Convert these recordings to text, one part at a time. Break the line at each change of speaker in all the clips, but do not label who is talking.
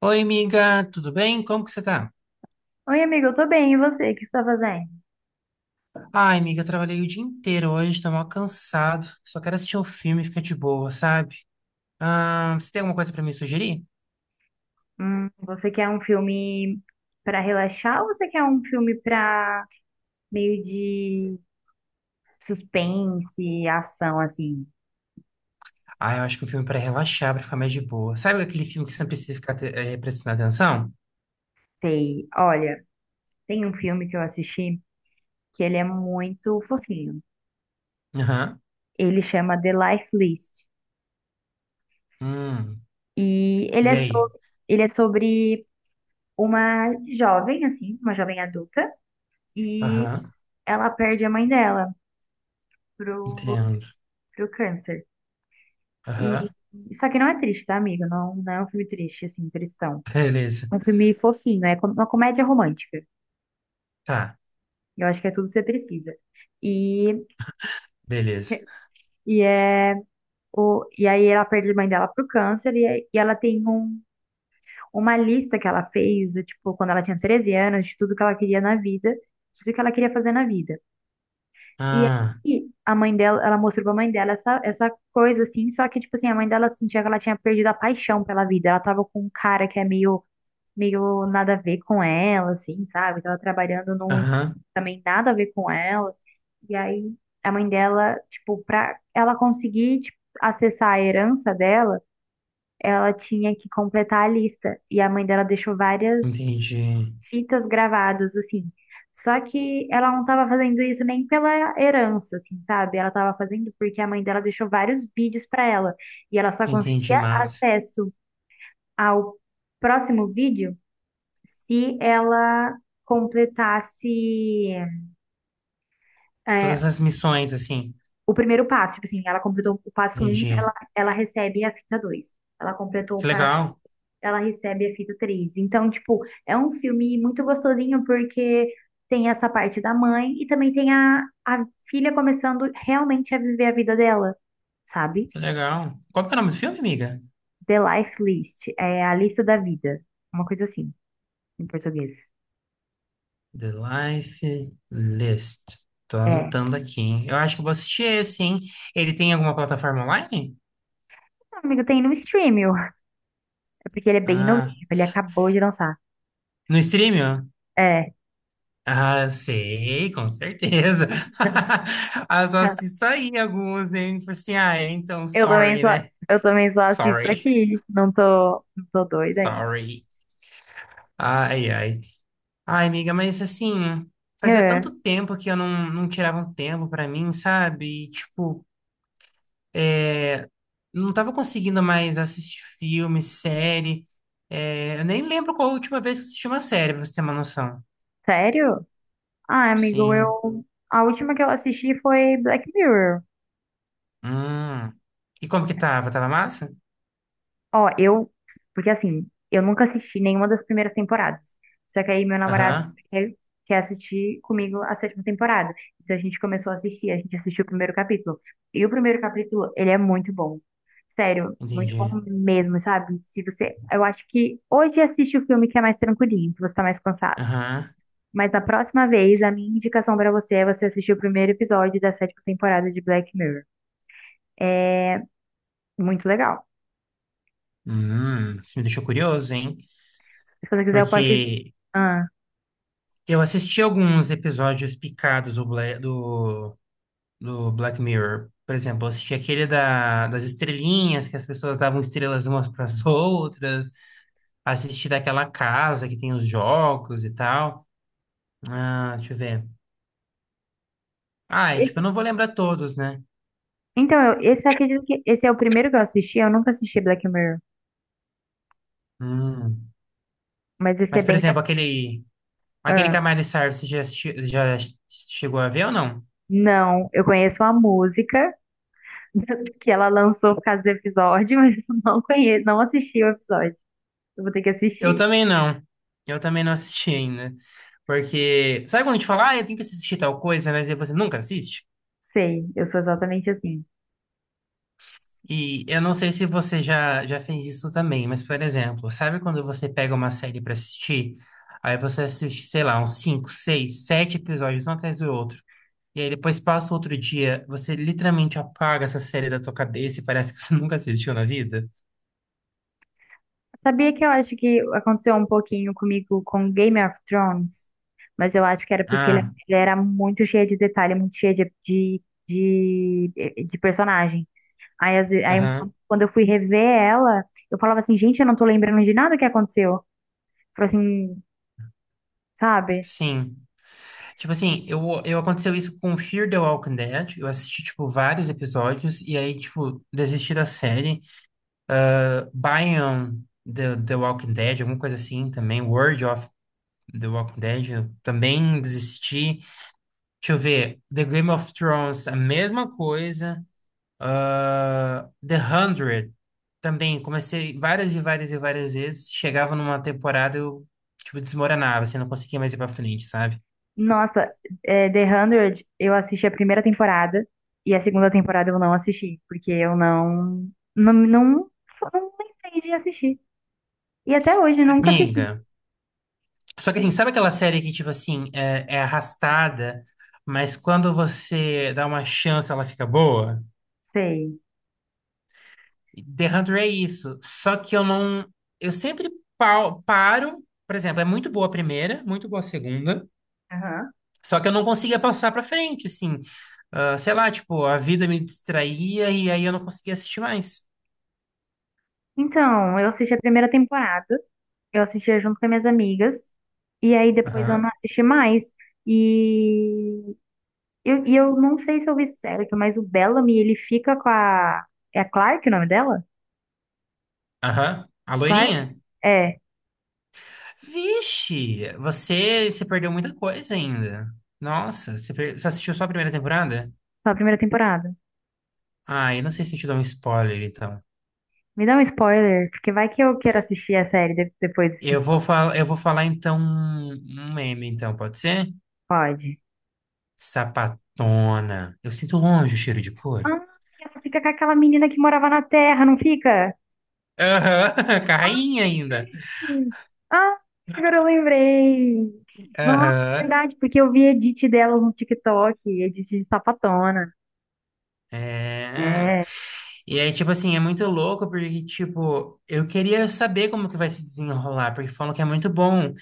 Oi, amiga, tudo bem? Como que você tá?
Oi, amigo, eu tô bem. E você? O que você tá fazendo?
Ai, amiga, trabalhei o dia inteiro hoje, tô mal cansado. Só quero assistir um filme e ficar de boa, sabe? Ah, você tem alguma coisa pra me sugerir?
Você quer um filme pra relaxar ou você quer um filme pra meio de suspense, ação, assim?
Ah, eu acho que um filme é pra relaxar, pra ficar mais de boa. Sabe aquele filme que você não precisa ficar prestando atenção?
Sei. Olha, tem um filme que eu assisti que ele é muito fofinho.
Aham.
Ele chama The Life List.
Hum.
E ele
E
é
aí?
sobre uma jovem, assim, uma jovem adulta, e
Aham.
ela perde a mãe dela pro,
Entendo.
pro câncer.
Aham.
E só que não é triste, tá, amigo? Não, não é um filme triste, assim, tristão.
Beleza.
É um filme fofinho, uma comédia romântica.
Tá,
Eu acho que é tudo que você precisa. E,
beleza.
e, é, e aí ela perde a mãe dela pro câncer e ela tem uma lista que ela fez, tipo, quando ela tinha 13 anos, de tudo que ela queria na vida, de tudo que ela queria fazer na vida. E
Ah,
aí a mãe dela, ela mostrou pra mãe dela essa coisa, assim, só que, tipo assim, a mãe dela sentia que ela tinha perdido a paixão pela vida. Ela tava com um cara que é meio nada a ver com ela, assim, sabe? Tava trabalhando num
aham.
também nada a ver com ela. E aí a mãe dela, tipo, pra ela conseguir, tipo, acessar a herança dela, ela tinha que completar a lista. E a mãe dela deixou várias
Entendi.
fitas gravadas, assim. Só que ela não tava fazendo isso nem pela herança, assim, sabe? Ela tava fazendo porque a mãe dela deixou vários vídeos pra ela. E ela só
Entendi,
conseguia
mas.
acesso ao próximo vídeo se ela completasse
Todas
é,
as missões, assim.
o primeiro passo, tipo assim, ela completou o passo um,
Entendi.
ela recebe a fita 2. Ela completou o
Que
passo,
legal.
ela recebe a fita 3. Então, tipo, é um filme muito gostosinho porque tem essa parte da mãe e também tem a filha começando realmente a viver a vida dela, sabe?
Que legal. Qual que é o nome do filme, amiga?
The Life List, é a lista da vida, uma coisa assim, em português.
The Life List. Tô
É,
anotando aqui, hein? Eu acho que eu vou assistir esse, hein? Ele tem alguma plataforma online?
amigo, tem no stream, ó. É porque ele é bem
Ah,
novinho, ele acabou de lançar.
no streaming? Ó?
É,
Ah, sei, com certeza. Ah, só assisto aí alguns, hein? Tipo assim, ah, é, então,
eu também
sorry, né?
eu também só assisto
Sorry.
aqui. Não tô doida ainda.
Sorry. Ai, ai. Ai, amiga, mas assim, fazia tanto
É,
tempo que eu não tirava um tempo pra mim, sabe? E, tipo, não tava conseguindo mais assistir filme, série. É, eu nem lembro qual a última vez que assisti uma série, pra você ter uma noção.
sério? Ah, amigo,
Sim.
eu. A última que eu assisti foi Black Mirror.
Hum. E como que tava? Tava massa?
Ó, eu. Porque assim, eu nunca assisti nenhuma das primeiras temporadas. Só que aí meu namorado
Aham,
quer, quer assistir comigo a sétima temporada. Então a gente começou a assistir, a gente assistiu o primeiro capítulo. E o primeiro capítulo, ele é muito bom. Sério, muito bom
entendi.
mesmo, sabe? Se você. Eu acho que hoje assiste o filme que é mais tranquilinho, que você tá mais cansado.
Aham.
Mas na próxima vez, a minha indicação pra você é você assistir o primeiro episódio da sétima temporada de Black Mirror. Muito legal.
Isso me deixou curioso, hein?
Se você quiser, eu posso te.
Porque
Ah.
eu assisti alguns episódios picados do Black Mirror. Por exemplo, eu assisti aquele das estrelinhas, que as pessoas davam estrelas umas para as outras. Assistir daquela casa que tem os jogos e tal. Ah, deixa eu ver. Ah, e, tipo, eu não vou lembrar todos, né?
Então, esse acredito que esse é o primeiro que eu assisti. Eu nunca assisti Black Mirror,
Hum.
mas esse é
Mas, por
bem.
exemplo, aquele
Ah,
Camari Sar, você já chegou a ver ou não?
não, eu conheço a música que ela lançou por causa do episódio, mas eu não conheço, não assisti o episódio. Eu vou ter que
Eu
assistir.
também não. Eu também não assisti ainda. Porque, sabe quando a gente fala, ah, eu tenho que assistir tal coisa, mas aí você nunca assiste?
Sei, eu sou exatamente assim.
E eu não sei se você já fez isso também, mas, por exemplo, sabe quando você pega uma série pra assistir? Aí você assiste, sei lá, uns 5, 6, 7 episódios, um atrás do outro. E aí depois passa outro dia, você literalmente apaga essa série da tua cabeça e parece que você nunca assistiu na vida.
Sabia que eu acho que aconteceu um pouquinho comigo com Game of Thrones, mas eu acho que era porque
Ah,
ele era muito cheio de detalhe, muito cheio de personagem. Aí,
aham,
quando eu fui rever ela, eu falava assim, gente, eu não tô lembrando de nada que aconteceu. Falei assim, sabe?
sim. Tipo assim, eu aconteceu isso com Fear the Walking Dead. Eu assisti, tipo, vários episódios e aí, tipo, desisti da série. Bion the Walking Dead, alguma coisa assim também. World of The Walking Dead, eu também desisti. Deixa eu ver. The Game of Thrones, a mesma coisa. Ah, The Hundred também, comecei várias e várias e várias vezes. Chegava numa temporada, eu, tipo, desmoronava, assim, não conseguia mais ir pra frente, sabe?
Nossa, é, The 100, eu assisti a primeira temporada e a segunda temporada eu não assisti, porque eu não, não, não, não lembrei de assistir. E até hoje nunca assisti.
Amiga, só que assim, sabe aquela série que, tipo assim, é arrastada, mas quando você dá uma chance, ela fica boa?
Sei.
The 100 é isso. Só que eu não. Eu sempre paro. Por exemplo, é muito boa a primeira, muito boa a segunda.
Aham.
Só que eu não conseguia passar pra frente, assim. Ah, sei lá, tipo, a vida me distraía e aí eu não conseguia assistir mais.
Então, eu assisti a primeira temporada, eu assistia junto com as minhas amigas, e aí depois eu não
Aham.
assisti mais. E eu, não sei se eu vi certo, mas o Bellamy, ele fica com a. É a Clark o nome dela?
Aham. A
Clark?
loirinha?
É,
Vixe, você se perdeu muita coisa ainda. Nossa, você, per- você assistiu só a primeira temporada?
na primeira temporada.
Ah, eu não sei se eu te dou um spoiler, então.
Me dá um spoiler, porque vai que eu quero assistir a série depois, se
Eu vou, fal... eu vou falar, então, um meme, então, pode ser?
pode.
Sapatona. Eu sinto longe o cheiro de couro.
Ah, ela fica com aquela menina que morava na Terra, não fica?
Aham,
Ah,
carrainha ainda.
lembrei. Ah, agora eu lembrei. Nossa, é
Aham.
verdade, porque eu vi edit delas no TikTok, edit de sapatona.
É.
É.
E aí, tipo assim, é muito louco porque, tipo, eu queria saber como que vai se desenrolar, porque falam que é muito bom.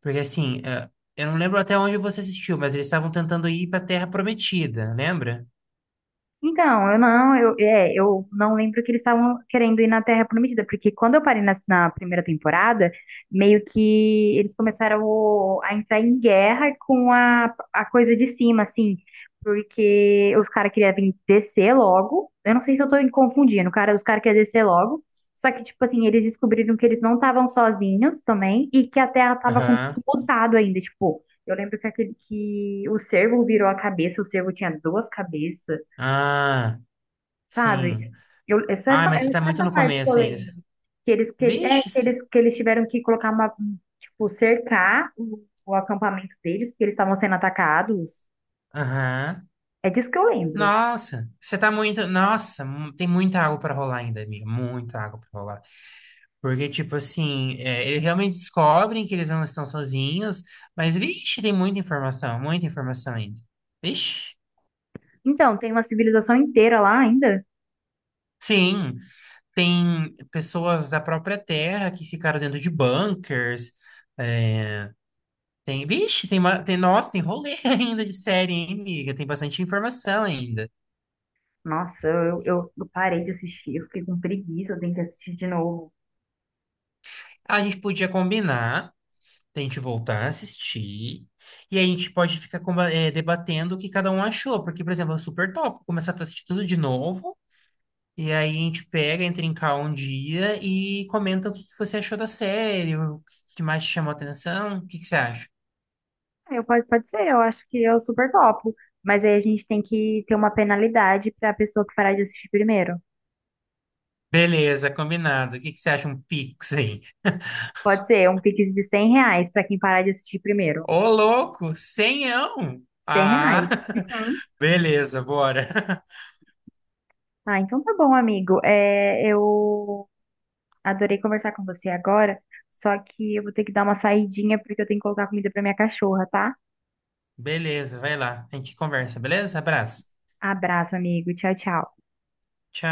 Porque, assim, eh, eu não lembro até onde você assistiu, mas eles estavam tentando ir pra Terra Prometida, lembra?
Então, eu não lembro que eles estavam querendo ir na Terra Prometida, porque quando eu parei na primeira temporada, meio que eles começaram a entrar em guerra com a coisa de cima, assim, porque os caras queriam vir descer logo. Eu não sei se eu tô me confundindo, cara, os caras queriam descer logo. Só que, tipo assim, eles descobriram que eles não estavam sozinhos também e que a Terra tava com
Aham.
tudo lotado ainda, tipo. Eu lembro que, aquele, que o cervo virou a cabeça, o cervo tinha duas cabeças,
Ah,
sabe?
sim.
Eu,
Ah, mas você
é
tá
só
muito
essa
no
parte que eu
começo ainda.
lembro. Que eles, que, ele- é,
Vixe! Cê-
que eles tiveram que colocar tipo, cercar o acampamento deles, porque eles estavam sendo atacados.
aham.
É disso que eu lembro.
Nossa, você tá muito. Nossa, mu- tem muita água pra rolar ainda, amiga. Muita água pra rolar. Porque, tipo assim, é, eles realmente descobrem que eles não estão sozinhos, mas, vixe, tem muita informação ainda. Vixe.
Então, tem uma civilização inteira lá ainda.
Sim, tem pessoas da própria Terra que ficaram dentro de bunkers. É, tem, vixe, tem, ma- tem, nossa, tem rolê ainda de série, hein, amiga? Tem bastante informação ainda.
Nossa, eu parei de assistir, eu fiquei com preguiça, eu tenho que assistir de novo.
A gente podia combinar, a gente voltar a assistir, e a gente pode ficar debatendo o que cada um achou. Porque, por exemplo, é super top começar a assistir tudo de novo. E aí a gente pega, entra em call um dia e comenta o que que você achou da série, o que que mais te chamou a atenção, o que que você acha?
É, pode ser, eu acho que eu super topo. Mas aí a gente tem que ter uma penalidade para a pessoa que parar de assistir primeiro.
Beleza, combinado. O que que você acha um Pix aí?
Pode ser, um Pix de 100 reais para quem parar de assistir primeiro.
Ô, louco, senhão!
100
Ah,
reais. Uhum.
beleza, bora.
Ah, então tá bom, amigo. É, eu adorei conversar com você agora, só que eu vou ter que dar uma saidinha porque eu tenho que colocar comida pra minha cachorra, tá?
Beleza, vai lá. A gente conversa, beleza? Abraço.
Abraço, amigo. Tchau, tchau.
Tchau.